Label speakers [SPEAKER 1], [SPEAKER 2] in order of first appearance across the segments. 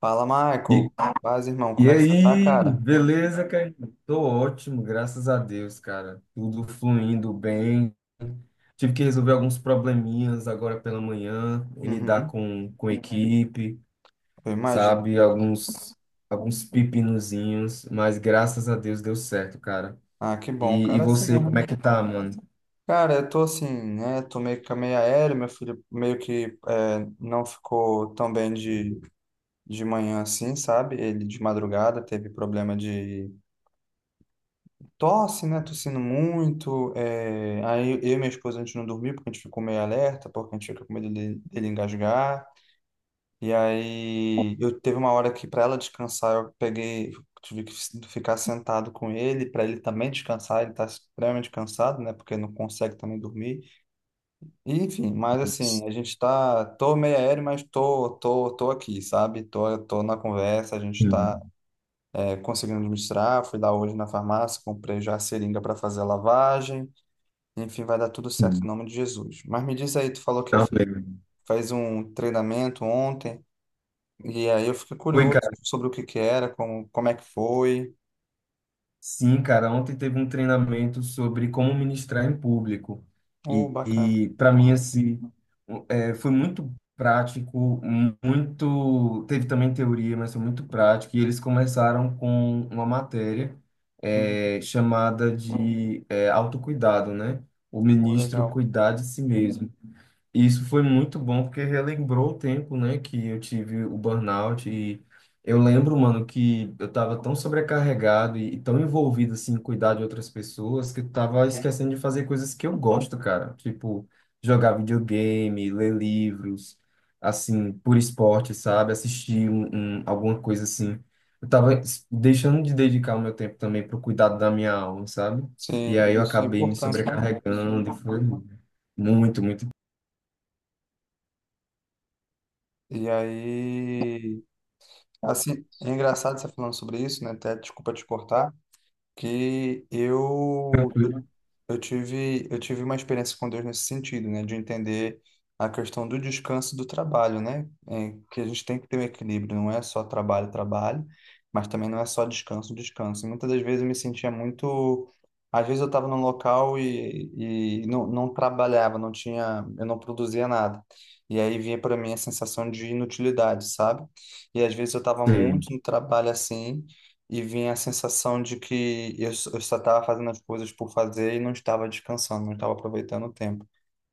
[SPEAKER 1] Fala, Michael.
[SPEAKER 2] E,
[SPEAKER 1] Paz, irmão, como
[SPEAKER 2] e
[SPEAKER 1] é que você tá,
[SPEAKER 2] aí,
[SPEAKER 1] cara?
[SPEAKER 2] beleza, cara? Tô ótimo, graças a Deus, cara. Tudo fluindo bem. Tive que resolver alguns probleminhas agora pela manhã, em lidar
[SPEAKER 1] Uhum.
[SPEAKER 2] com equipe,
[SPEAKER 1] Eu imagino
[SPEAKER 2] sabe?
[SPEAKER 1] como é que é.
[SPEAKER 2] Alguns pepinozinhos, mas graças a Deus deu certo, cara.
[SPEAKER 1] Ah, que bom,
[SPEAKER 2] E
[SPEAKER 1] cara, é assim
[SPEAKER 2] você,
[SPEAKER 1] mesmo,
[SPEAKER 2] como é
[SPEAKER 1] né?
[SPEAKER 2] que tá, mano?
[SPEAKER 1] Cara, eu tô assim, né? Tô meio que meio aéreo, meu filho meio que não ficou tão bem de manhã assim, sabe? Ele de madrugada teve problema de tosse, né? Tossindo muito. Aí eu e minha esposa, a gente não dormiu porque a gente ficou meio alerta, porque a gente fica com medo dele, dele engasgar. E aí eu teve uma hora que, para ela descansar, eu peguei, tive que ficar sentado com ele para ele também descansar, ele tá extremamente cansado, né, porque não consegue também dormir. E, enfim, mas assim, a gente tá, tô meio aéreo, mas tô, tô aqui, sabe? Tô, tô na conversa, a gente tá
[SPEAKER 2] Sim,
[SPEAKER 1] conseguindo administrar, fui lá hoje na farmácia, comprei já a seringa para fazer a lavagem. Enfim, vai dar tudo certo
[SPEAKER 2] sim.
[SPEAKER 1] em nome de Jesus. Mas me diz aí, tu falou que
[SPEAKER 2] Também.
[SPEAKER 1] fez um treinamento ontem. E aí eu fiquei curioso sobre o que que era, como, como é que foi.
[SPEAKER 2] Sim, cara, ontem teve um treinamento sobre como ministrar em público.
[SPEAKER 1] Oh,
[SPEAKER 2] E,
[SPEAKER 1] bacana.
[SPEAKER 2] e para mim, assim, foi muito prático, muito. Teve também teoria, mas foi muito prático. E eles começaram com uma matéria
[SPEAKER 1] Uhum.
[SPEAKER 2] chamada de autocuidado, né? O
[SPEAKER 1] Oh,
[SPEAKER 2] ministro
[SPEAKER 1] legal.
[SPEAKER 2] cuidar de si mesmo. E isso foi muito bom porque relembrou o tempo, né, que eu tive o burnout e eu lembro, mano, que eu tava tão sobrecarregado e tão envolvido assim em cuidar de outras pessoas que eu tava esquecendo de fazer coisas que eu gosto, cara, tipo jogar videogame, ler livros, assim, por esporte, sabe, assistir alguma coisa assim. Eu tava deixando de dedicar o meu tempo também pro cuidado da minha alma, sabe? E
[SPEAKER 1] Sim,
[SPEAKER 2] aí eu
[SPEAKER 1] isso é
[SPEAKER 2] acabei me
[SPEAKER 1] importante, né?
[SPEAKER 2] sobrecarregando e foi muito, muito.
[SPEAKER 1] E aí, assim, é engraçado você falando sobre isso, né? Até desculpa te cortar, que eu
[SPEAKER 2] Tranquilo.
[SPEAKER 1] Eu tive, eu tive uma experiência com Deus nesse sentido, né? De entender a questão do descanso e do trabalho, né? É, que a gente tem que ter um equilíbrio, não é só trabalho, trabalho, mas também não é só descanso, descanso. E muitas das vezes eu me sentia muito. Às vezes eu estava num local e não, não trabalhava, não tinha, eu não produzia nada. E aí vinha para mim a sensação de inutilidade, sabe? E às vezes eu estava
[SPEAKER 2] Sim.
[SPEAKER 1] muito no trabalho assim e vinha a sensação de que eu só estava fazendo as coisas por fazer e não estava descansando, não estava aproveitando o tempo.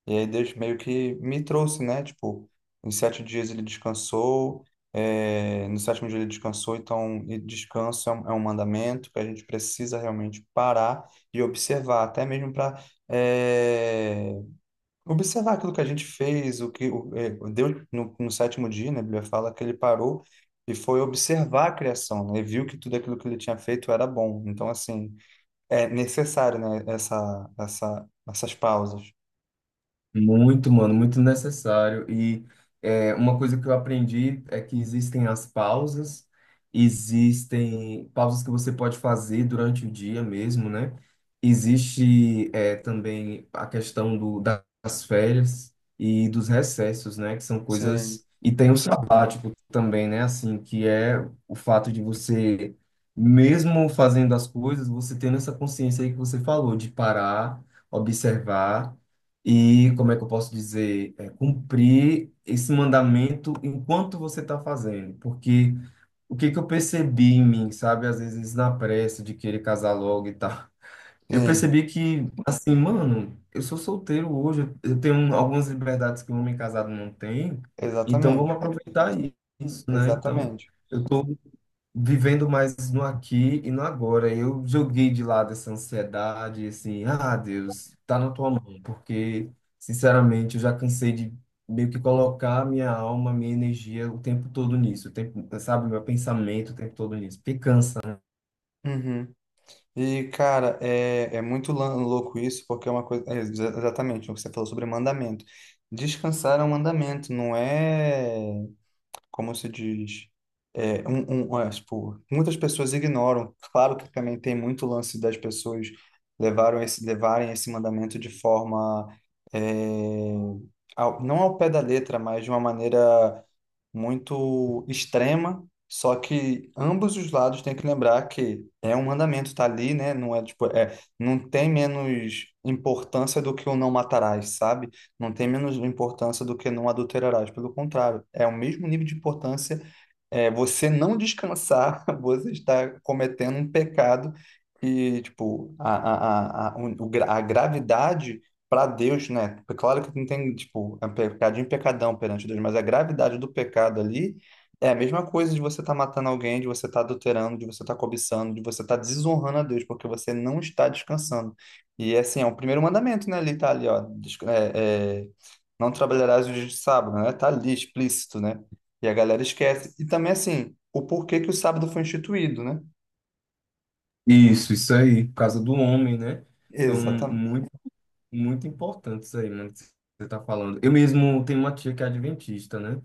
[SPEAKER 1] E aí Deus meio que me trouxe, né? Tipo, em sete dias ele descansou, no sétimo dia ele descansou, então e descanso é é um mandamento que a gente precisa realmente parar e observar, até mesmo para observar aquilo que a gente fez, o que o, é, Deus no sétimo dia, né, a Bíblia fala que ele parou e foi observar a criação, né, e viu que tudo aquilo que ele tinha feito era bom. Então, assim, é necessário, né, essas pausas.
[SPEAKER 2] Muito, mano, muito necessário. E é uma coisa que eu aprendi: é que existem as pausas, existem pausas que você pode fazer durante o dia mesmo, né? Existe também a questão das férias e dos recessos, né? Que são
[SPEAKER 1] Sim,
[SPEAKER 2] coisas. E tem o sabático também, né? Assim, que é o fato de você, mesmo fazendo as coisas, você tendo essa consciência aí que você falou, de parar, observar e, como é que eu posso dizer, cumprir esse mandamento enquanto você está fazendo. Porque o que que eu percebi em mim, sabe, às vezes na pressa de querer casar logo e tal, eu
[SPEAKER 1] sim,
[SPEAKER 2] percebi que, assim, mano, eu sou solteiro hoje, eu tenho algumas liberdades que um homem casado não tem, então vamos
[SPEAKER 1] exatamente,
[SPEAKER 2] aproveitar isso, né? Então,
[SPEAKER 1] exatamente.
[SPEAKER 2] eu tô vivendo mais no aqui e no agora. Eu joguei de lado essa ansiedade, assim, ah, Deus, tá na tua mão, porque, sinceramente, eu já cansei de meio que colocar minha alma, minha energia o tempo todo nisso, o tempo, sabe, meu pensamento o tempo todo nisso, porque cansa, né?
[SPEAKER 1] Uhum. E, cara, é muito louco isso, porque é uma coisa. Exatamente, o que você falou sobre mandamento. Descansar é um mandamento, não é. Como se diz, tipo, muitas pessoas ignoram. Claro que também tem muito lance das pessoas levarem esse mandamento de forma, é, não ao pé da letra, mas de uma maneira muito extrema, só que ambos os lados têm que lembrar que é um mandamento, tá ali, né? Não é tipo, é, não tem menos importância do que o não matarás, sabe? Não tem menos importância do que não adulterarás, pelo contrário, é o mesmo nível de importância, é, você não descansar, você está cometendo um pecado que tipo, a gravidade para Deus, né? É Claro que não tem, tipo, é um pecadinho e pecadão perante Deus, mas a gravidade do pecado ali é a mesma coisa de você estar matando alguém, de você estar adulterando, de você estar cobiçando, de você estar desonrando a Deus, porque você não está descansando. E, assim, é o primeiro mandamento, né? Ali tá ali, ó. Não trabalharás os dias de sábado, né? Tá ali explícito, né? E a galera esquece. E também, assim, o porquê que o sábado foi instituído, né?
[SPEAKER 2] Isso aí, por causa do homem, né? Então,
[SPEAKER 1] Exatamente.
[SPEAKER 2] muito, muito importante isso aí, mano, que você tá falando. Eu mesmo tenho uma tia que é adventista, né?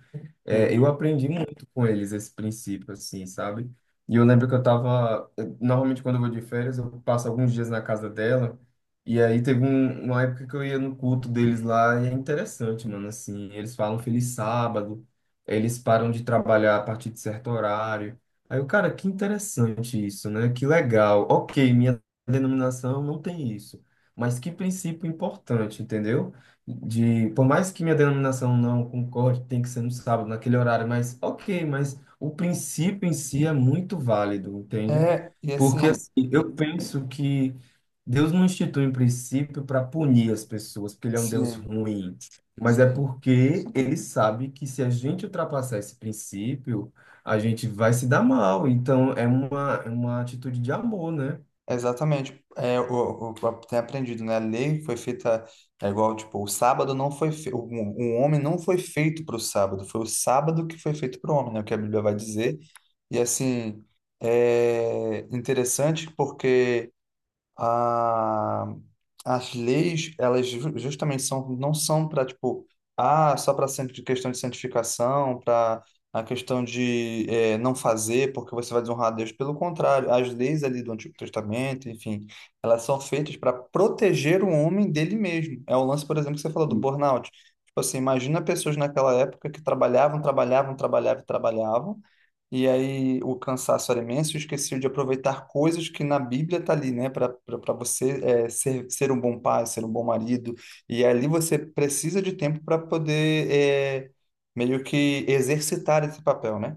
[SPEAKER 2] Eu
[SPEAKER 1] Uhum.
[SPEAKER 2] aprendi muito com eles esse princípio, assim, sabe? E eu lembro que normalmente, quando eu vou de férias, eu passo alguns dias na casa dela. E aí teve uma época que eu ia no culto deles lá. E é interessante, mano. Assim, eles falam feliz sábado. Eles param de trabalhar a partir de certo horário. Aí eu, cara, que interessante isso, né? Que legal. Ok, minha denominação não tem isso. Mas que princípio importante, entendeu? Por mais que minha denominação não concorde, tem que ser no sábado, naquele horário, mas ok, mas o princípio em si é muito válido, entende?
[SPEAKER 1] É, e
[SPEAKER 2] Porque
[SPEAKER 1] assim,
[SPEAKER 2] assim, eu penso que Deus não institui um princípio para punir as pessoas, porque ele é um Deus
[SPEAKER 1] sim,
[SPEAKER 2] ruim, mas é
[SPEAKER 1] sim.
[SPEAKER 2] porque ele sabe que se a gente ultrapassar esse princípio, a gente vai se dar mal. Então é uma atitude de amor, né?
[SPEAKER 1] Exatamente. Tem aprendido, né? A lei foi feita, é igual, tipo, o sábado não foi feito, o homem não foi feito para o sábado, foi o sábado que foi feito para o homem, né? O que a Bíblia vai dizer. E assim, é interessante porque a, as leis, elas justamente são, não são para, tipo, ah, só para questão de santificação, para a questão de eh, não fazer porque você vai desonrar a Deus. Pelo contrário, as leis ali do Antigo Testamento, enfim, elas são feitas para proteger o homem dele mesmo. É o lance, por exemplo, que você falou do burnout. Tipo assim, imagina pessoas naquela época que trabalhavam, trabalhavam, trabalhavam, e trabalhavam, e aí o cansaço era imenso, e esqueci de aproveitar coisas que na Bíblia tá ali, né? Para você ser um bom pai, ser um bom marido. E ali você precisa de tempo para poder é, meio que exercitar esse papel, né?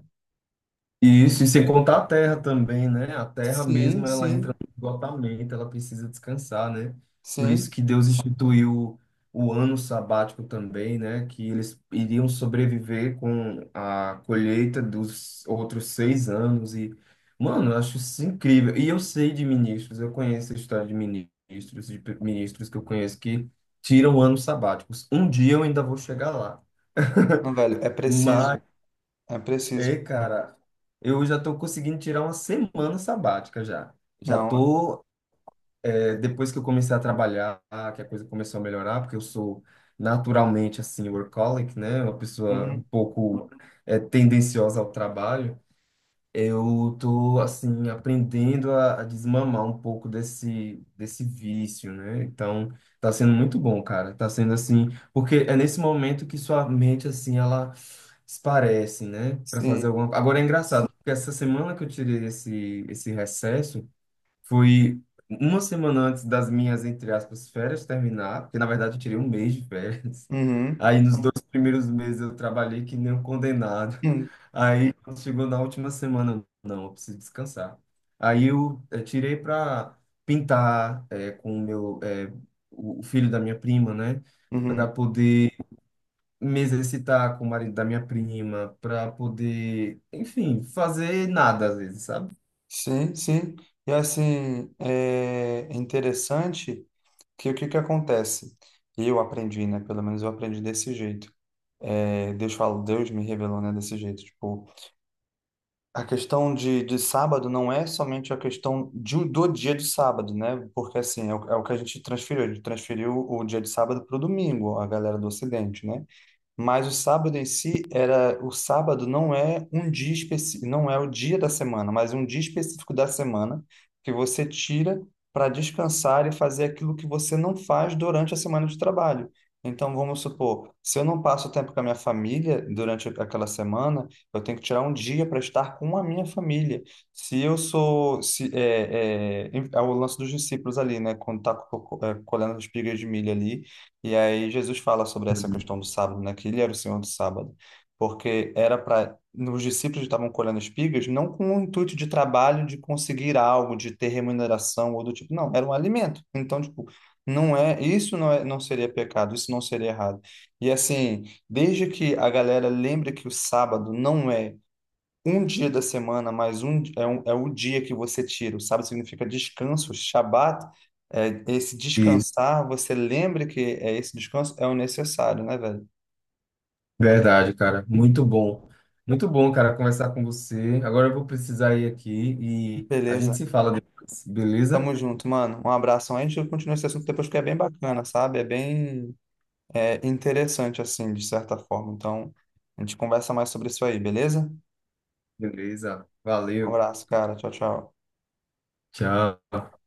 [SPEAKER 2] E isso, e sem contar a terra também, né? A terra
[SPEAKER 1] Sim,
[SPEAKER 2] mesmo, ela entra
[SPEAKER 1] sim,
[SPEAKER 2] no esgotamento, ela precisa descansar, né? Por isso
[SPEAKER 1] sim.
[SPEAKER 2] que Deus instituiu o ano sabático também, né? Que eles iriam sobreviver com a colheita dos outros 6 anos. E, mano, eu acho isso incrível. E eu sei de ministros, eu conheço a história de ministros, ministros que eu conheço que tiram anos sabáticos. Um dia eu ainda vou chegar lá.
[SPEAKER 1] Não, velho, é
[SPEAKER 2] Mas
[SPEAKER 1] preciso, é preciso.
[SPEAKER 2] cara, eu já tô conseguindo tirar uma semana sabática já. Já
[SPEAKER 1] Não,
[SPEAKER 2] estou, depois que eu comecei a trabalhar, que a coisa começou a melhorar, porque eu sou naturalmente, assim, workaholic, né? Uma pessoa um
[SPEAKER 1] uhum,
[SPEAKER 2] pouco tendenciosa ao trabalho. Eu tô assim aprendendo a desmamar um pouco desse vício, né? Então, tá sendo muito bom, cara. Tá sendo assim, porque é nesse momento que sua mente assim ela esparece, né, para fazer
[SPEAKER 1] sim,
[SPEAKER 2] alguma. Agora é engraçado, porque essa semana que eu tirei esse recesso, fui uma semana antes das minhas, entre aspas, férias terminar, porque na verdade eu tirei um mês de férias.
[SPEAKER 1] uhum,
[SPEAKER 2] Aí nos 2 primeiros meses eu trabalhei que nem um condenado.
[SPEAKER 1] uhum,
[SPEAKER 2] Aí quando chegou na última semana, não, eu preciso descansar. Aí eu, tirei para pintar, com o filho da minha prima, né? Para
[SPEAKER 1] uhum.
[SPEAKER 2] poder me exercitar com o marido da minha prima, para poder, enfim, fazer nada às vezes, sabe?
[SPEAKER 1] Sim, sim. E assim, é interessante que o que que acontece? Eu aprendi, né? Pelo menos eu aprendi desse jeito. É, Deus fala, Deus me revelou, né? Desse jeito. Tipo, a questão de sábado não é somente a questão de, do dia de sábado, né? Porque assim, é é o que a gente transferiu. A gente transferiu o dia de sábado para o domingo, a galera do Ocidente, né? Mas o sábado em si era, o sábado não é um dia específico, não é o dia da semana, mas um dia específico da semana que você tira para descansar e fazer aquilo que você não faz durante a semana de trabalho. Então, vamos supor, se eu não passo tempo com a minha família durante aquela semana, eu tenho que tirar um dia para estar com a minha família. Se eu sou, se, é, é, é o lance dos discípulos ali, né? Quando está colhendo as espigas de milho ali, e aí Jesus fala sobre essa questão do sábado, né? Que ele era o Senhor do sábado, porque era para os discípulos estavam colhendo espigas não com o intuito de trabalho, de conseguir algo, de ter remuneração ou do tipo, não, era um alimento. Então, tipo, não é, isso não é, não seria pecado, isso não seria errado. E assim, desde que a galera lembre que o sábado não é um dia da semana mais é o dia que você tira. O sábado significa descanso. Shabat é esse descansar. Você lembra que é esse descanso é o necessário, né, velho?
[SPEAKER 2] Verdade, cara. Muito bom. Muito bom, cara, conversar com você. Agora eu vou precisar ir aqui e a gente
[SPEAKER 1] Beleza.
[SPEAKER 2] se fala depois, beleza?
[SPEAKER 1] Tamo junto, mano. Um abração. A gente continua esse assunto depois porque é bem bacana, sabe? É bem é, interessante, assim, de certa forma. Então, a gente conversa mais sobre isso aí, beleza?
[SPEAKER 2] Beleza.
[SPEAKER 1] Um
[SPEAKER 2] Valeu.
[SPEAKER 1] abraço, cara. Tchau, tchau.
[SPEAKER 2] Tchau.